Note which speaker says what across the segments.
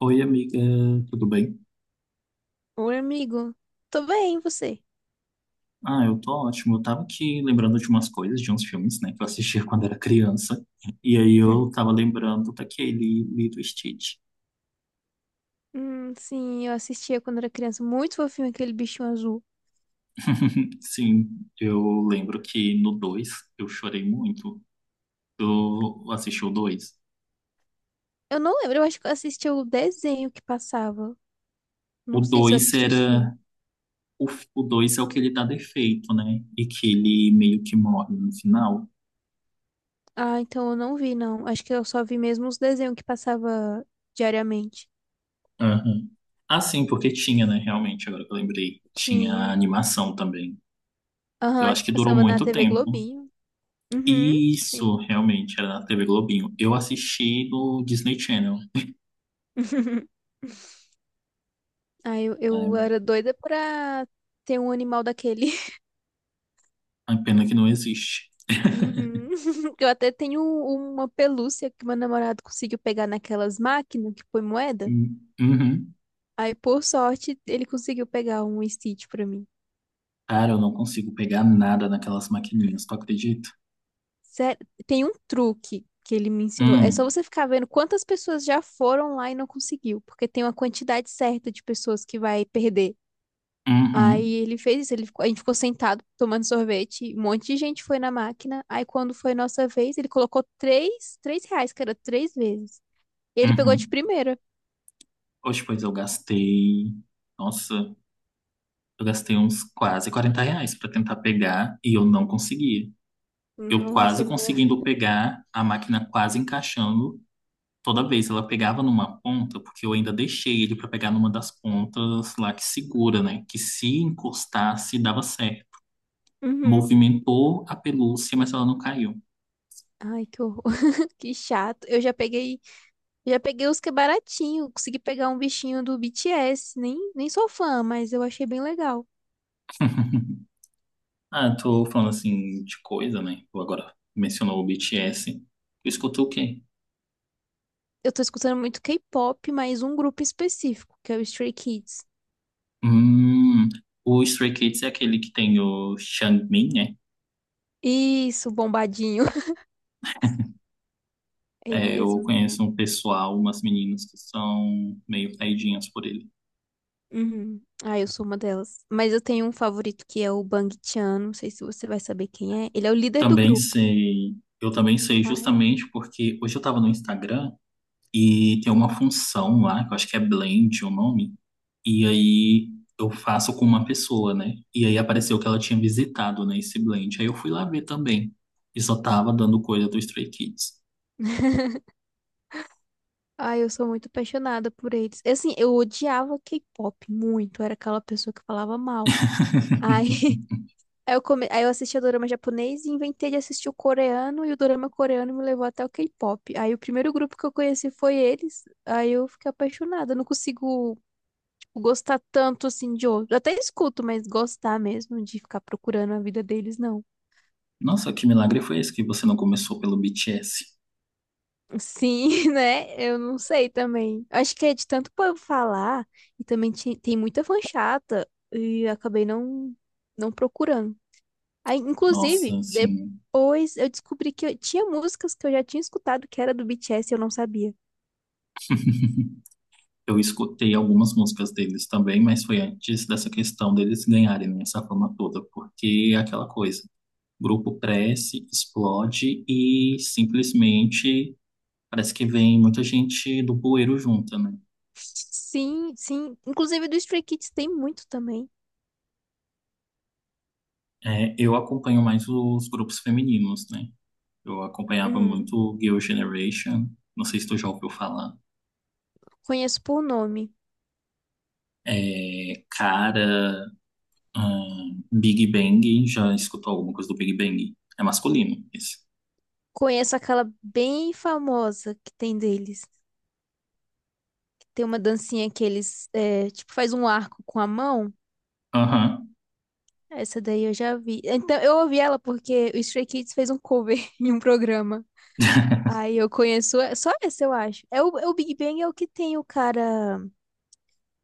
Speaker 1: Oi, amiga, tudo bem?
Speaker 2: Oi, amigo. Tô bem, e você?
Speaker 1: Ah, eu tô ótimo. Eu tava aqui lembrando de umas coisas, de uns filmes, né, que eu assistia quando era criança. E aí eu tava lembrando daquele Lilo e Stitch.
Speaker 2: Sim, eu assistia quando era criança. Muito fofinho aquele bichinho azul.
Speaker 1: Sim, eu lembro que no 2 eu chorei muito. Eu assisti o 2.
Speaker 2: Eu não lembro, eu acho que eu assisti o desenho que passava.
Speaker 1: O
Speaker 2: Não sei se eu
Speaker 1: dois
Speaker 2: assisti os filmes.
Speaker 1: era. O, o 2 é o que ele dá defeito, né? E que ele meio que morre no final.
Speaker 2: Ah, então eu não vi, não. Acho que eu só vi mesmo os desenhos que passava diariamente.
Speaker 1: Aham. Ah, sim, porque tinha, né? Realmente, agora que eu lembrei. Tinha
Speaker 2: Tinha.
Speaker 1: a animação também.
Speaker 2: Aham,
Speaker 1: Eu
Speaker 2: acho
Speaker 1: acho
Speaker 2: que
Speaker 1: que durou
Speaker 2: passava na
Speaker 1: muito
Speaker 2: TV
Speaker 1: tempo.
Speaker 2: Globinho. Uhum,
Speaker 1: Isso,
Speaker 2: sim.
Speaker 1: realmente, era na TV Globinho. Eu assisti no Disney Channel,
Speaker 2: Ah, eu
Speaker 1: né?
Speaker 2: era doida pra ter um animal daquele.
Speaker 1: A pena que não existe.
Speaker 2: Uhum. Eu até tenho uma pelúcia que meu namorado conseguiu pegar naquelas máquinas que põe moeda.
Speaker 1: Hum. Uhum.
Speaker 2: Aí, por sorte, ele conseguiu pegar um Stitch pra mim.
Speaker 1: Cara, eu não consigo pegar nada naquelas maquininhas, tu acredita?
Speaker 2: Sério, tem um truque que ele me ensinou. É só
Speaker 1: Hum,
Speaker 2: você ficar vendo quantas pessoas já foram lá e não conseguiu, porque tem uma quantidade certa de pessoas que vai perder. Aí
Speaker 1: uhum,
Speaker 2: ele fez isso, ele a gente ficou sentado tomando sorvete, um monte de gente foi na máquina. Aí quando foi nossa vez, ele colocou três reais, que era três vezes. E ele pegou de
Speaker 1: uhum.
Speaker 2: primeira.
Speaker 1: Hoje, pois, eu Nossa, eu gastei uns quase R$ 40 pra tentar pegar e eu não consegui. Eu quase
Speaker 2: Nossa, meu.
Speaker 1: conseguindo pegar, a máquina quase encaixando, toda vez ela pegava numa ponta, porque eu ainda deixei ele para pegar numa das pontas lá que segura, né? Que se encostasse, dava certo.
Speaker 2: Uhum.
Speaker 1: Movimentou a pelúcia, mas ela não caiu.
Speaker 2: Ai, que horror, que chato. Já peguei os que é baratinho, consegui pegar um bichinho do BTS, nem sou fã, mas eu achei bem legal.
Speaker 1: Ah, tô falando assim de coisa, né? Tu agora mencionou o BTS. Tu escutou o quê?
Speaker 2: Eu tô escutando muito K-pop, mas um grupo específico, que é o Stray Kids.
Speaker 1: Hum, o Stray Kids é aquele que tem o Xiangmin, né?
Speaker 2: Isso, bombadinho. É ele
Speaker 1: É, eu
Speaker 2: mesmo.
Speaker 1: conheço um pessoal, umas meninas que são meio caidinhas por ele.
Speaker 2: Uhum. Ah, eu sou uma delas. Mas eu tenho um favorito que é o Bang Chan, não sei se você vai saber quem é. Ele é o líder do
Speaker 1: Também
Speaker 2: grupo.
Speaker 1: sei. Eu também sei
Speaker 2: Ai.
Speaker 1: justamente porque hoje eu tava no Instagram. E tem uma função lá, que eu acho que é blend é o nome, e aí eu faço com uma pessoa, né? E aí apareceu que ela tinha visitado, né, esse blend. Aí eu fui lá ver também. E só tava dando coisa do Stray Kids.
Speaker 2: Ai, eu sou muito apaixonada por eles. Assim, eu odiava K-pop muito, era aquela pessoa que falava mal. Aí aí eu assistia dorama japonês e inventei de assistir o coreano, e o dorama coreano me levou até o K-pop. Aí o primeiro grupo que eu conheci foi eles, aí eu fiquei apaixonada. Eu não consigo, tipo, gostar tanto assim de outro. Eu até escuto, mas gostar mesmo de ficar procurando a vida deles, não.
Speaker 1: Nossa, que milagre foi esse que você não começou pelo BTS?
Speaker 2: Sim, né? Eu não sei também. Acho que é de tanto povo falar e também tem muita fã chata e eu acabei não procurando. Aí,
Speaker 1: Nossa,
Speaker 2: inclusive,
Speaker 1: assim,
Speaker 2: depois eu descobri que eu tinha músicas que eu já tinha escutado que era do BTS e eu não sabia.
Speaker 1: eu escutei algumas músicas deles também, mas foi antes dessa questão deles ganharem, né, essa fama toda, porque é aquela coisa. Grupo cresce, explode e simplesmente parece que vem muita gente do bueiro junta, né?
Speaker 2: Sim, sim. Inclusive do Stray Kids tem muito também.
Speaker 1: É, eu acompanho mais os grupos femininos, né? Eu acompanhava
Speaker 2: Uhum.
Speaker 1: muito Girl Generation, não sei se tu já ouviu falar.
Speaker 2: Conheço por nome.
Speaker 1: É, cara, Big Bang, já escutou alguma coisa do Big Bang? É masculino, esse.
Speaker 2: Conheço aquela bem famosa que tem deles. Tem uma dancinha que eles, é, tipo, faz um arco com a mão.
Speaker 1: Aham.
Speaker 2: Essa daí eu já vi. Então, eu ouvi ela porque o Stray Kids fez um cover em um programa. Aí eu conheço só essa, eu acho. É o Big Bang é o que tem o cara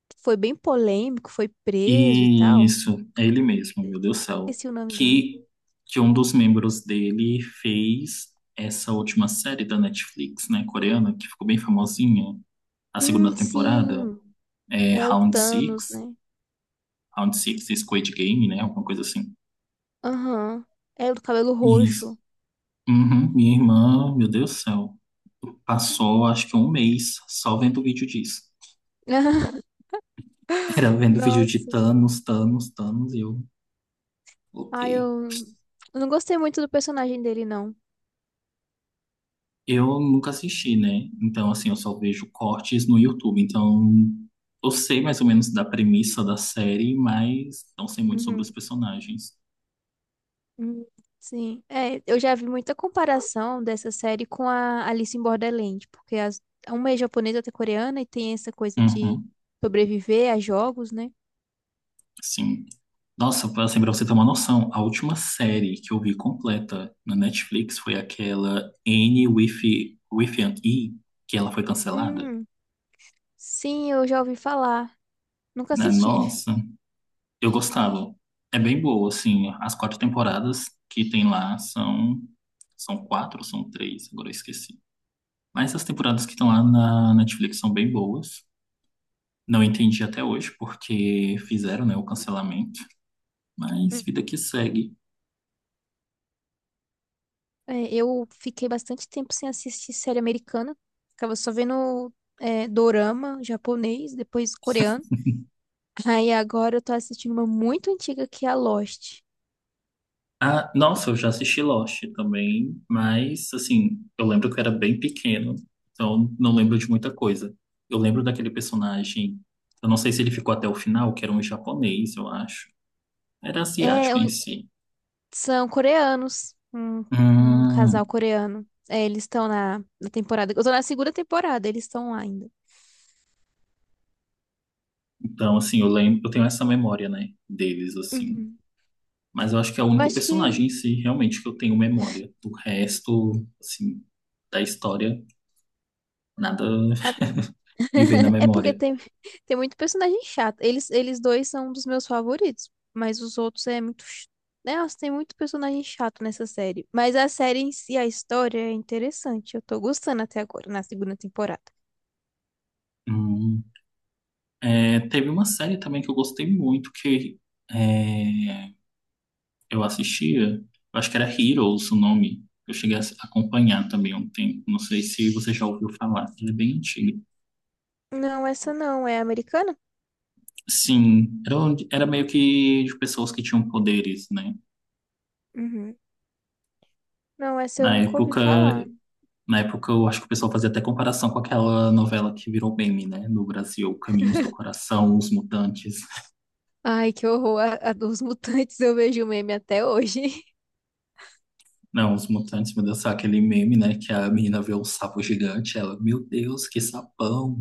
Speaker 2: que foi bem polêmico, foi preso e tal.
Speaker 1: Isso, é ele mesmo, meu Deus do céu.
Speaker 2: Esqueci o nome dele.
Speaker 1: Que, que um dos membros dele fez essa última série da Netflix, né, coreana, que ficou bem famosinha, a segunda temporada.
Speaker 2: Sim.
Speaker 1: É,
Speaker 2: É o
Speaker 1: Round
Speaker 2: Thanos,
Speaker 1: Six,
Speaker 2: né?
Speaker 1: Round Six, Squid Game, né? Alguma coisa assim.
Speaker 2: Aham. É o do cabelo
Speaker 1: Isso.
Speaker 2: roxo.
Speaker 1: Uhum, minha irmã, meu Deus do céu, passou acho que um mês só vendo vídeo disso. Era vendo vídeo de
Speaker 2: Nossa.
Speaker 1: Thanos, Thanos, Thanos, e eu, ok.
Speaker 2: Ai, eu não gostei muito do personagem dele, não.
Speaker 1: Eu nunca assisti, né? Então, assim, eu só vejo cortes no YouTube. Então, eu sei mais ou menos da premissa da série, mas não sei muito sobre os
Speaker 2: Uhum.
Speaker 1: personagens.
Speaker 2: Hum, sim, é, eu já vi muita comparação dessa série com a Alice em Borderland, porque uma é japonesa, outra é coreana, e tem essa coisa de
Speaker 1: Uhum.
Speaker 2: sobreviver a jogos, né?
Speaker 1: Sim. Nossa, assim, pra você ter uma noção, a última série que eu vi completa na Netflix foi aquela N with, with an E, que ela foi cancelada.
Speaker 2: Hum, sim, eu já ouvi falar, nunca
Speaker 1: Né?
Speaker 2: assisti.
Speaker 1: Nossa, eu gostava. É bem boa, assim, as quatro temporadas que tem lá são, são quatro ou são três, agora eu esqueci. Mas as temporadas que estão lá na Netflix são bem boas. Não entendi até hoje porque fizeram, né, o cancelamento, mas vida que segue.
Speaker 2: É, eu fiquei bastante tempo sem assistir série americana, ficava só vendo é, dorama japonês, depois coreano. Aí agora eu tô assistindo uma muito antiga que é a Lost.
Speaker 1: Ah, nossa, eu já assisti Lost também, mas assim, eu lembro que eu era bem pequeno, então não lembro de muita coisa. Eu lembro daquele personagem, eu não sei se ele ficou até o final, que era um japonês, eu acho. Era
Speaker 2: É,
Speaker 1: asiático em si.
Speaker 2: são coreanos, um casal
Speaker 1: Hum,
Speaker 2: coreano. É, eles estão na temporada. Eu tô na segunda temporada, eles estão lá ainda.
Speaker 1: então, assim, eu lembro, eu tenho essa memória, né, deles, assim.
Speaker 2: Uhum.
Speaker 1: Mas eu acho que é o
Speaker 2: Eu
Speaker 1: único
Speaker 2: acho
Speaker 1: personagem
Speaker 2: que.
Speaker 1: em si, realmente, que eu tenho memória. Do resto, assim, da história, nada me vem na
Speaker 2: É
Speaker 1: memória.
Speaker 2: porque tem muito personagem chato. Eles dois são um dos meus favoritos, mas os outros é muito. Nossa, tem muito personagem chato nessa série. Mas a série em si, a história é interessante. Eu tô gostando até agora, na segunda temporada.
Speaker 1: Hum. É, teve uma série também que eu gostei muito, que é, eu assistia, eu acho que era Heroes o nome. Eu cheguei a acompanhar também há um tempo, não sei se você já ouviu falar, ele é bem antigo.
Speaker 2: Não, essa não é americana?
Speaker 1: Sim, era, onde- era meio que de pessoas que tinham poderes, né?
Speaker 2: Uhum. Não, essa eu
Speaker 1: Na
Speaker 2: nunca ouvi
Speaker 1: época,
Speaker 2: falar.
Speaker 1: na época eu acho que o pessoal fazia até comparação com aquela novela que virou meme, né? No Brasil, Caminhos do Coração, Os Mutantes.
Speaker 2: Ai, que horror. A dos mutantes eu vejo meme até hoje.
Speaker 1: Não, Os Mutantes, meu Deus, sabe aquele meme, né? Que a menina vê um sapo gigante, ela, meu Deus, que sapão.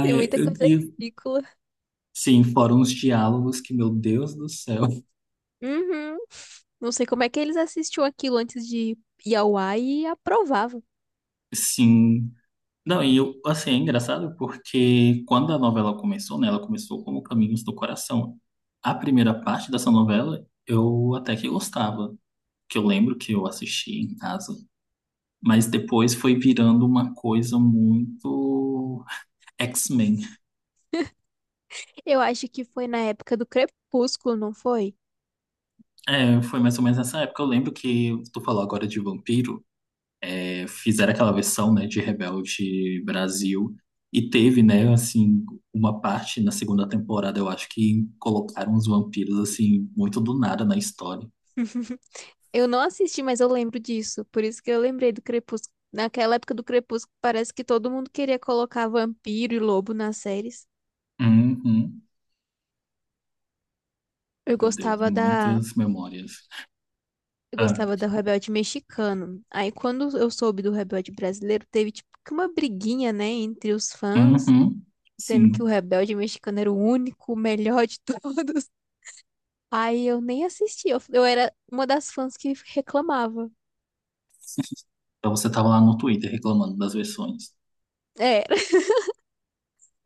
Speaker 2: Tem muita
Speaker 1: eu-
Speaker 2: coisa
Speaker 1: e
Speaker 2: ridícula.
Speaker 1: sim, foram uns diálogos que, meu Deus do céu,
Speaker 2: Uhum. Não sei como é que eles assistiam aquilo antes de ir ao ar e aprovavam.
Speaker 1: sim. Não, e eu, assim, é engraçado porque quando a novela começou, né? Ela começou como Caminhos do Coração. A primeira parte dessa novela eu até que gostava, que eu lembro que eu assisti em casa. Mas depois foi virando uma coisa muito X-Men.
Speaker 2: Eu acho que foi na época do Crepúsculo, não foi?
Speaker 1: É, foi mais ou menos nessa época. Eu lembro que tu falou agora de vampiro, é, fizeram aquela versão, né, de Rebelde Brasil e teve, né, assim, uma parte na segunda temporada, eu acho que colocaram uns vampiros assim muito do nada na história.
Speaker 2: Eu não assisti, mas eu lembro disso. Por isso que eu lembrei do Crepúsculo. Naquela época do Crepúsculo, parece que todo mundo queria colocar vampiro e lobo nas séries.
Speaker 1: Uhum.
Speaker 2: Eu
Speaker 1: Meu Deus,
Speaker 2: gostava da
Speaker 1: muitas memórias.
Speaker 2: Eu
Speaker 1: Ah,
Speaker 2: gostava do Rebelde Mexicano. Aí, quando eu soube do Rebelde Brasileiro, teve tipo que uma briguinha, né, entre os fãs,
Speaker 1: uhum.
Speaker 2: dizendo que o
Speaker 1: Sim.
Speaker 2: Rebelde Mexicano era o único, o melhor de todos. Aí eu nem assisti. Eu era uma das fãs que reclamava.
Speaker 1: Então você tava lá no Twitter reclamando das versões.
Speaker 2: É,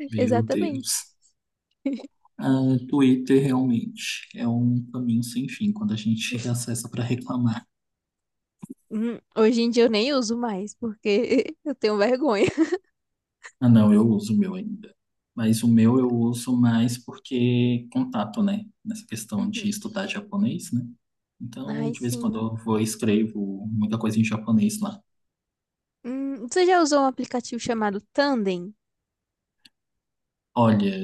Speaker 1: Meu
Speaker 2: exatamente.
Speaker 1: Deus. Ah, Twitter realmente é um caminho sem fim quando a gente reacessa para reclamar.
Speaker 2: Hoje em dia eu nem uso mais, porque eu tenho vergonha.
Speaker 1: Ah, não, eu uso o meu ainda. Mas o meu eu uso mais porque contato, né? Nessa questão de
Speaker 2: Uhum.
Speaker 1: estudar japonês, né? Então,
Speaker 2: Ai,
Speaker 1: de vez em quando
Speaker 2: sim.
Speaker 1: eu vou e escrevo muita coisa em japonês lá.
Speaker 2: Você já usou um aplicativo chamado Tandem?
Speaker 1: Olha,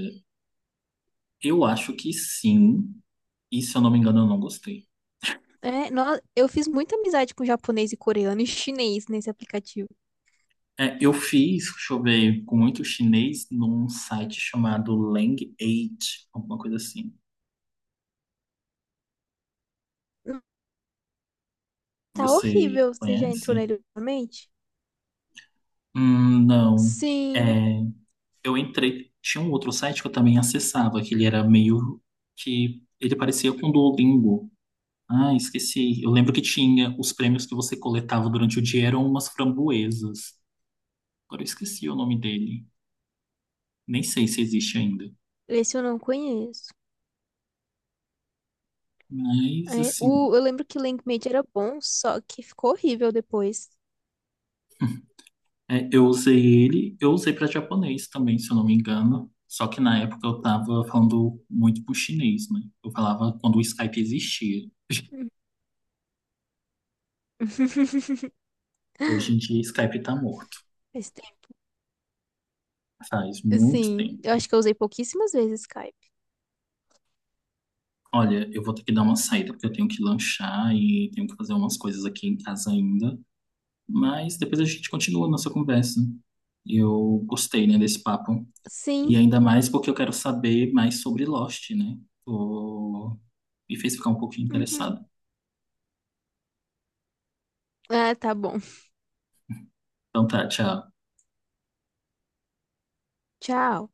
Speaker 1: eu acho que sim. E se eu não me engano, eu não gostei.
Speaker 2: É, eu fiz muita amizade com japonês e coreano e chinês nesse aplicativo.
Speaker 1: É, eu fiz, deixa eu ver, com muito chinês num site chamado Lang8, alguma coisa assim.
Speaker 2: Tá
Speaker 1: Você
Speaker 2: horrível. Você já entrou
Speaker 1: conhece?
Speaker 2: nele ultimamente?
Speaker 1: Não.
Speaker 2: Sim,
Speaker 1: É, eu entrei, tinha um outro site que eu também acessava, que ele parecia com o Duolingo. Ah, esqueci. Eu lembro que tinha os prêmios que você coletava durante o dia eram umas framboesas. Agora eu esqueci o nome dele. Nem sei se existe ainda.
Speaker 2: esse eu não conheço.
Speaker 1: Mas
Speaker 2: É,
Speaker 1: assim,
Speaker 2: eu lembro que Linkmate era bom, só que ficou horrível depois.
Speaker 1: é, eu usei ele, eu usei para japonês também, se eu não me engano. Só que na época eu tava falando muito pro chinês, né? Eu falava quando o Skype existia.
Speaker 2: Hum.
Speaker 1: Hoje em dia, Skype tá morto.
Speaker 2: Faz tempo.
Speaker 1: Faz muito
Speaker 2: Sim,
Speaker 1: tempo.
Speaker 2: eu acho que eu usei pouquíssimas vezes Skype.
Speaker 1: Olha, eu vou ter que dar uma saída porque eu tenho que lanchar e tenho que fazer umas coisas aqui em casa ainda. Mas depois a gente continua a nossa conversa. Eu gostei, né, desse papo. E
Speaker 2: Sim.
Speaker 1: ainda mais porque eu quero saber mais sobre Lost, né? Tô... me fez ficar um pouquinho
Speaker 2: Uhum.
Speaker 1: interessado.
Speaker 2: Ah, tá bom.
Speaker 1: Então tá, tchau.
Speaker 2: Tchau.